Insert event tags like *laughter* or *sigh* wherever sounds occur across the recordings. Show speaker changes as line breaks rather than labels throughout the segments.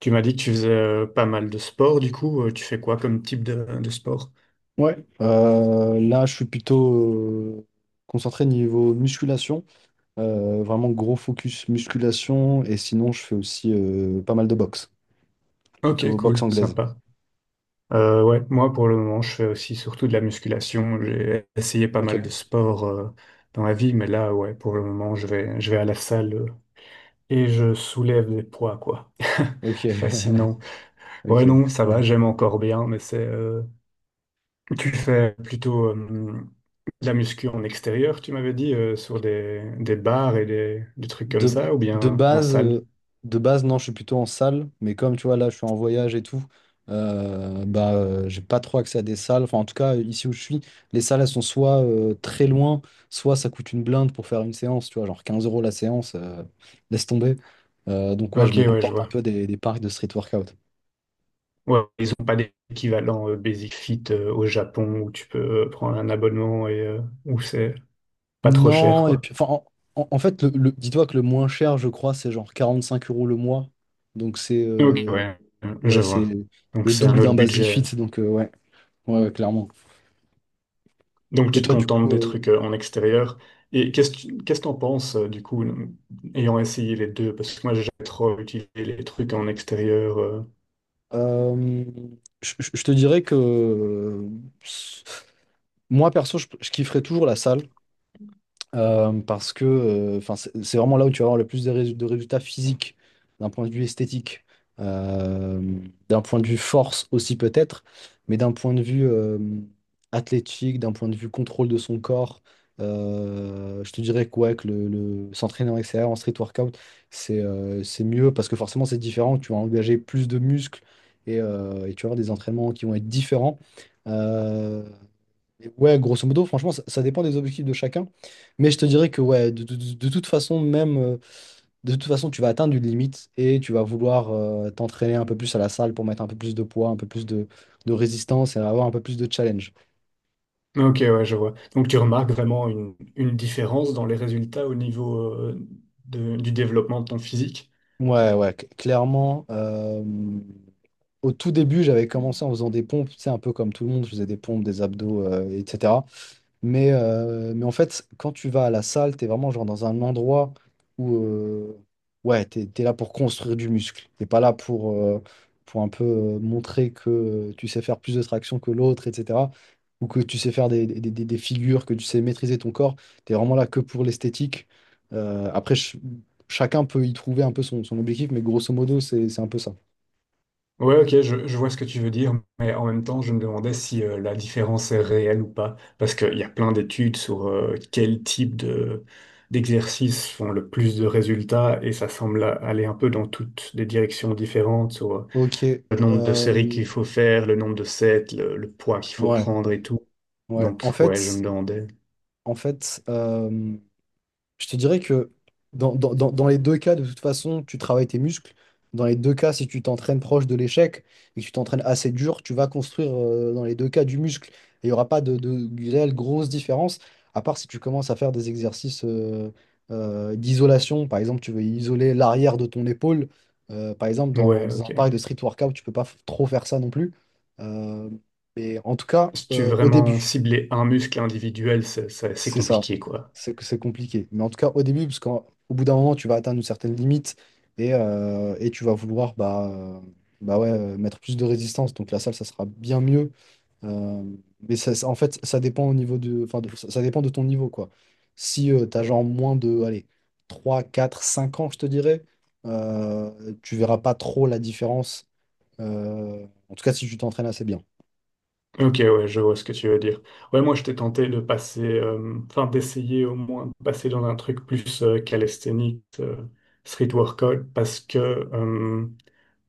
Tu m'as dit que tu faisais pas mal de sport. Tu fais quoi comme type de sport?
Ouais, là je suis plutôt euh, concentré niveau musculation. Vraiment gros focus musculation, et sinon je fais aussi pas mal de boxe,
Ok,
plutôt boxe
cool,
anglaise.
sympa. Ouais, Moi pour le moment, je fais aussi surtout de la musculation. J'ai essayé pas
Ok,
mal de sports dans la vie, mais là, ouais, pour le moment, je vais à la salle et je soulève des poids, quoi.
ok,
*laughs* Fascinant.
*laughs*
Ouais, non,
ok.
ça va, j'aime encore bien, mais c'est. Tu fais plutôt de la muscu en extérieur, tu m'avais dit, sur des bars et des trucs comme
De,
ça, ou
de
bien en
base,
salle?
euh, de base, non, je suis plutôt en salle, mais comme tu vois, là, je suis en voyage et tout, j'ai pas trop accès à des salles. Enfin, en tout cas, ici où je suis, les salles, elles sont soit très loin, soit ça coûte une blinde pour faire une séance, tu vois, genre 15 euros la séance. Laisse tomber. Donc, ouais, je
Ok,
me
ouais,
contente
je
un
vois.
peu des parcs de street workout.
Ouais, ils n'ont pas d'équivalent Basic Fit au Japon où tu peux prendre un abonnement et où c'est pas trop cher,
Non, et
quoi.
puis, en fait, dis-toi que le moins cher, je crois, c'est genre 45 euros le mois. Donc, c'est,
Ok, ouais, je
ouais, c'est
vois. Donc
le
c'est un
double
autre
d'un Basic
budget.
Fit, donc, ouais. Ouais, ouais, clairement.
Donc
Et
tu te
toi, du
contentes
coup,
des trucs en extérieur. Et qu'est-ce que t'en penses, ayant essayé les deux? Parce que moi j'ai jamais trop utilisé les trucs en extérieur.
euh, je te dirais que moi, perso, je kifferais toujours la salle. Parce que enfin, c'est vraiment là où tu vas avoir le plus de de résultats physiques, d'un point de vue esthétique, euh, d'un point de vue force aussi peut-être, mais d'un point de vue athlétique, d'un point de vue contrôle de son corps. Je te dirais que, ouais, que s'entraîner en extérieur, en street workout, c'est mieux parce que forcément c'est différent, tu vas engager plus de muscles et tu vas avoir des entraînements qui vont être différents. Euh, et ouais, grosso modo, franchement, ça dépend des objectifs de chacun. Mais je te dirais que ouais, de toute façon, même de toute façon, tu vas atteindre une limite et tu vas vouloir t'entraîner un peu plus à la salle pour mettre un peu plus de poids, un peu plus de résistance et avoir un peu plus de challenge.
Ok, ouais, je vois. Donc tu remarques vraiment une différence dans les résultats au niveau du développement de ton physique?
Ouais, ouais, clairement. Au tout début, j'avais commencé en faisant des pompes, tu sais, un peu comme tout le monde, je faisais des pompes, des abdos, etc. Mais en fait, quand tu vas à la salle, tu es vraiment genre dans un endroit où ouais, tu es là pour construire du muscle. Tu pas là pour un peu montrer que tu sais faire plus de traction que l'autre, etc. Ou que tu sais faire des des figures, que tu sais maîtriser ton corps. Tu es vraiment là que pour l'esthétique. Euh, après, ch- Chacun peut y trouver un peu son, son objectif, mais grosso modo, c'est un peu ça.
Ouais, ok, je vois ce que tu veux dire, mais en même temps, je me demandais si la différence est réelle ou pas, parce qu'il y a plein d'études sur quel type de d'exercices font le plus de résultats, et ça semble aller un peu dans toutes des directions différentes, sur
Ok.
le nombre de séries
euh,
qu'il faut faire, le nombre de sets, le poids qu'il faut
ouais,
prendre et tout.
ouais.
Donc,
En
ouais, je
fait,
me demandais.
en fait. Je te dirais que dans les deux cas, de toute façon, tu travailles tes muscles. Dans les deux cas, si tu t'entraînes proche de l'échec et que tu t'entraînes assez dur, tu vas construire dans les deux cas du muscle. Et il n'y aura pas de réelle grosse différence, à part si tu commences à faire des exercices d'isolation. Par exemple, tu veux isoler l'arrière de ton épaule. Par exemple,
Ouais,
dans un
ok.
pareil de street workout, tu peux pas trop faire ça non plus. Euh, mais en tout cas,
Si tu veux
au
vraiment
début.
cibler un muscle individuel, c'est
C'est ça.
compliqué, quoi.
C'est compliqué. Mais en tout cas, au début, parce qu'au bout d'un moment, tu vas atteindre une certaine limite et tu vas vouloir ouais, mettre plus de résistance. Donc la salle, ça sera bien mieux. Euh, En fait, ça dépend au niveau de, enfin, ça dépend de ton niveau, quoi. Si tu as genre moins de, allez, 3 4 5 ans, je te dirais, tu verras pas trop la différence. En tout cas, si tu t'entraînes assez bien.
Ok, ouais, je vois ce que tu veux dire. Ouais, moi, j'étais tenté de passer, enfin, d'essayer au moins de passer dans un truc plus calisthénique, street workout, parce que euh,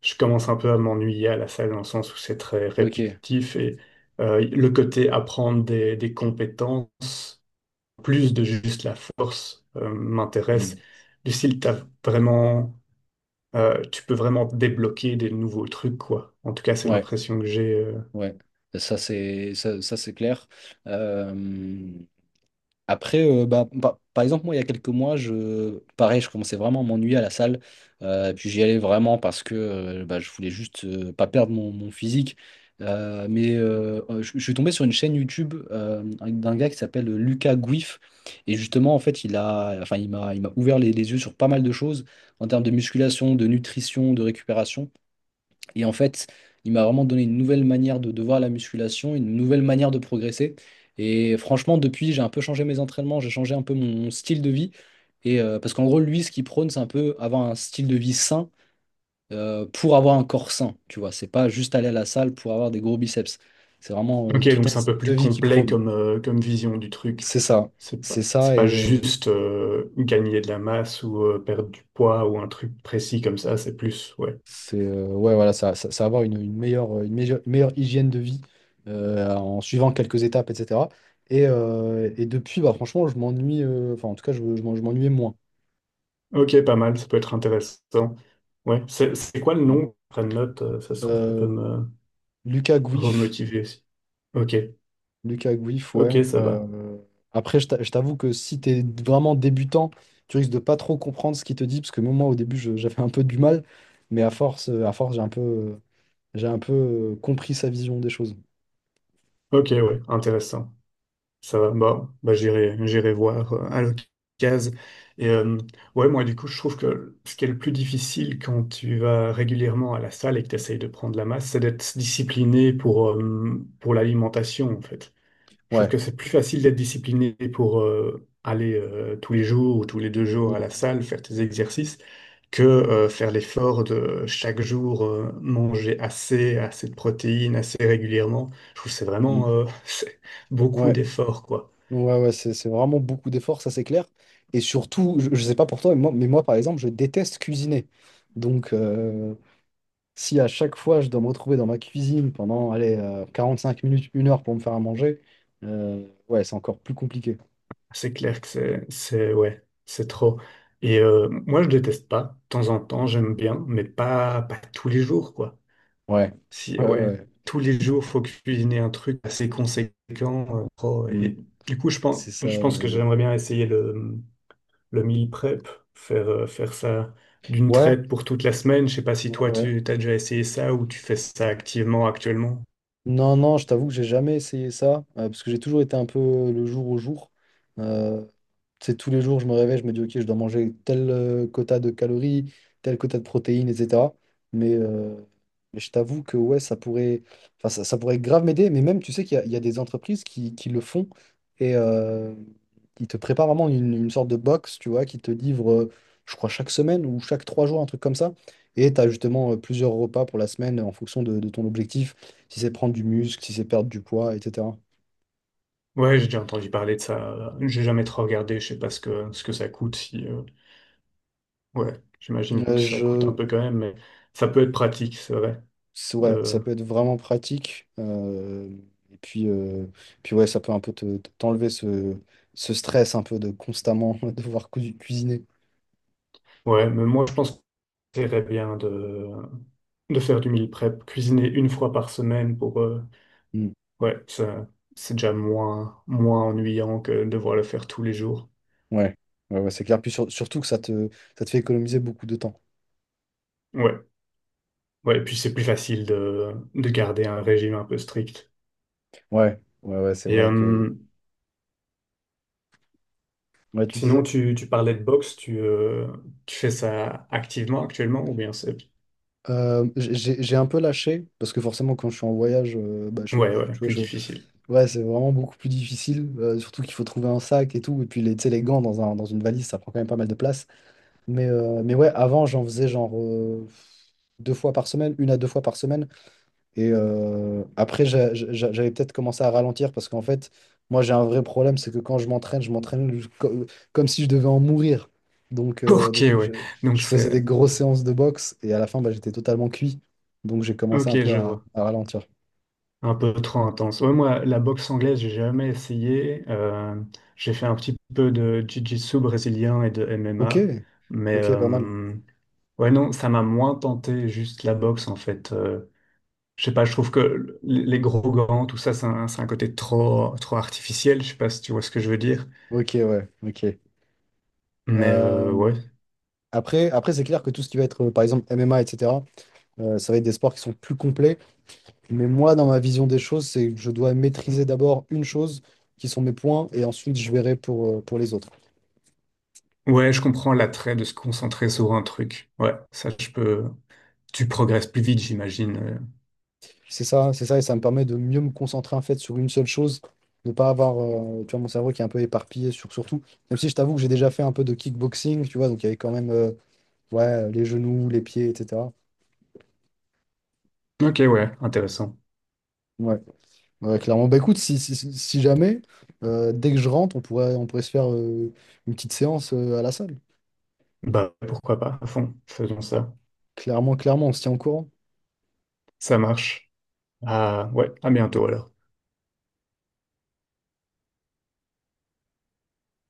je commence un peu à m'ennuyer à la salle dans le sens où c'est très
Ok.
répétitif et le côté apprendre des compétences, plus de juste la force, m'intéresse.
Hmm.
Du style, t'as vraiment, tu peux vraiment débloquer des nouveaux trucs, quoi. En tout cas, c'est
Ouais,
l'impression que j'ai.
ouais, ça, c'est clair. Euh, Par exemple, moi il y a quelques mois, je pareil, je commençais vraiment à m'ennuyer à la salle. Et puis j'y allais vraiment parce que je voulais juste pas perdre mon physique. Je suis tombé sur une chaîne YouTube d'un gars qui s'appelle Lucas Gouif. Et justement, en fait, il a, enfin, il m'a ouvert les yeux sur pas mal de choses en termes de musculation, de nutrition, de récupération. Et en fait, il m'a vraiment donné une nouvelle manière de voir la musculation, une nouvelle manière de progresser. Et franchement, depuis, j'ai un peu changé mes entraînements, j'ai changé un peu mon style de vie. Et parce qu'en gros, lui, ce qu'il prône, c'est un peu avoir un style de vie sain pour avoir un corps sain. Tu vois, c'est pas juste aller à la salle pour avoir des gros biceps. C'est vraiment
Ok,
tout
donc
un
c'est un
style
peu
de
plus
vie qu'il
complet
prône.
comme, comme vision du truc.
C'est ça, c'est
C'est
ça.
pas
Et
juste gagner de la masse ou perdre du poids ou un truc précis comme ça, c'est plus, ouais.
C'est Ouais, voilà, ça va avoir une meilleure, meilleure hygiène de vie en suivant quelques étapes, etc. Et depuis, bah, franchement, en tout cas, je m'ennuyais moins.
Ok, pas mal, ça peut être intéressant. Ouais, c'est quoi le
Mm.
nom? Je prends note, ça se trouve, ça peut
Euh,
me
Lucas Gouif,
remotiver aussi. Ok,
Lucas Gouif,
ok,
ouais.
ça va.
Je t'avoue que si tu es vraiment débutant, tu risques de pas trop comprendre ce qu'il te dit, parce que même moi, au début, j'avais un peu du mal, mais à force, j'ai un peu compris sa vision des choses.
Ok, ouais, intéressant. Ça va, j'irai, j'irai voir à l'occasion. Et euh, ouais, moi, du coup, je trouve que ce qui est le plus difficile quand tu vas régulièrement à la salle et que tu essayes de prendre la masse, c'est d'être discipliné pour l'alimentation, en fait. Je trouve
Ouais.
que c'est plus facile d'être discipliné pour aller tous les jours ou tous les deux jours
Mm,
à la salle, faire tes exercices, que faire l'effort de chaque jour manger assez de protéines, assez régulièrement. Je trouve que c'est vraiment
mm.
*laughs* c'est beaucoup
Ouais.
d'efforts, quoi.
Ouais, ouais, c'est vraiment beaucoup d'efforts, ça c'est clair. Et surtout, je sais pas pour toi, mais moi, par exemple, je déteste cuisiner. Donc, euh, Si à chaque fois je dois me retrouver dans ma cuisine pendant, allez, 5 minutes, 1 heure pour me faire à manger, ouais, c'est encore plus compliqué.
C'est clair que ouais, c'est trop. Moi, je déteste pas. De temps en temps, j'aime bien, mais pas tous les jours, quoi.
Ouais,
Si,
ouais,
ouais,
ouais.
tous les jours, faut cuisiner un truc assez conséquent. Trop.
Mm.
Et du coup,
C'est ça.
je pense que
Ouais,
j'aimerais bien essayer le meal prep, faire ça d'une
ouais.
traite pour toute la semaine. Je sais pas si
Ouais,
toi,
ouais.
tu as déjà essayé ça ou tu fais ça activement actuellement.
Non, non, je t'avoue que j'ai jamais essayé ça, parce que j'ai toujours été un peu le jour au jour. Euh, Tu tous les jours, je me réveille, je me dis, OK, je dois manger tel quota de calories, tel quota de protéines, etc. Mais, euh, mais je t'avoue que ouais, ça pourrait grave m'aider. Mais même, tu sais qu'il y a, il y a des entreprises qui le font et ils te préparent vraiment une sorte de box, tu vois, qui te livre, je crois, chaque semaine ou chaque 3 jours, un truc comme ça. Et tu as justement plusieurs repas pour la semaine en fonction de ton objectif, si c'est prendre du muscle, si c'est perdre du poids, etc.
Ouais, j'ai déjà entendu parler de ça. J'ai jamais trop regardé. Je sais pas ce que ça coûte. Si, ouais, j'imagine
Euh,
que ça coûte un
je...
peu quand même, mais ça peut être pratique, c'est vrai.
Ouais, ça
De...
peut être vraiment pratique. Et puis, euh, Puis ouais, ça peut un peu t'enlever ce stress un peu de constamment *laughs* devoir cuisiner.
Ouais, mais moi je pense que c'est bien de faire du meal prep, cuisiner une fois par semaine pour...
Mm.
ouais, ça, c'est déjà moins ennuyant que de devoir le faire tous les jours.
Ouais, ouais, ouais, c'est clair. Puis surtout que ça te fait économiser beaucoup de temps.
Ouais, ouais, et puis c'est plus facile de garder un régime un peu strict.
Ouais, ouais, ouais, c'est
Et
vrai que.
euh,
Ouais, tu
sinon,
disais.
tu... tu parlais de boxe, tu fais ça activement actuellement ou bien c'est...
J'ai un peu lâché, parce que forcément, quand je suis en voyage,
Ouais, ouais,
tu
plus
vois,
difficile.
ouais, c'est vraiment beaucoup plus difficile, surtout qu'il faut trouver un sac et tout, et puis les, tu sais, les gants dans un, dans une valise, ça prend quand même pas mal de place. Mais ouais, avant, j'en faisais genre 2 fois par semaine, 1 à 2 fois par semaine. Et après, j'avais peut-être commencé à ralentir parce qu'en fait, moi, j'ai un vrai problème, c'est que quand je m'entraîne comme si je devais en mourir. Donc,
*laughs*
euh,
Ok,
donc
ouais.
je,
Donc
je faisais des
c'est...
grosses séances de boxe et à la fin, bah, j'étais totalement cuit. Donc, j'ai commencé un
Ok,
peu
je vois.
à ralentir.
Un peu trop intense. Ouais, moi, la boxe anglaise, j'ai jamais essayé. J'ai fait un petit peu de jiu-jitsu brésilien et de
Ok,
MMA. Mais
ok, pas mal.
ouais, non, ça m'a moins tenté juste la boxe, en fait. Je sais pas, je trouve que les gros gants, tout ça, c'est c'est un côté trop, trop artificiel. Je sais pas si tu vois ce que je veux dire.
Ok, ouais, ok.
Mais
Euh,
ouais.
Après c'est clair que tout ce qui va être, par exemple, MMA, etc., ça va être des sports qui sont plus complets. Mais moi, dans ma vision des choses, c'est que je dois maîtriser d'abord une chose, qui sont mes points, et ensuite je verrai pour les autres.
Ouais, je comprends l'attrait de se concentrer sur un truc. Ouais, ça, je peux. Tu progresses plus vite, j'imagine.
C'est ça, et ça me permet de mieux me concentrer en fait sur une seule chose, de pas avoir, tu vois, mon cerveau qui est un peu éparpillé sur surtout. Même si je t'avoue que j'ai déjà fait un peu de kickboxing, tu vois, donc il y avait quand même, ouais, les genoux, les pieds, etc.
Ok, ouais, intéressant.
Ouais. Ouais, clairement. Bah écoute, si jamais, dès que je rentre, on pourrait se faire une petite séance à la salle.
Bah, pourquoi pas, à fond, faisons ça.
Clairement, clairement, on se tient au courant.
Ça marche. Ah, ouais, à bientôt alors.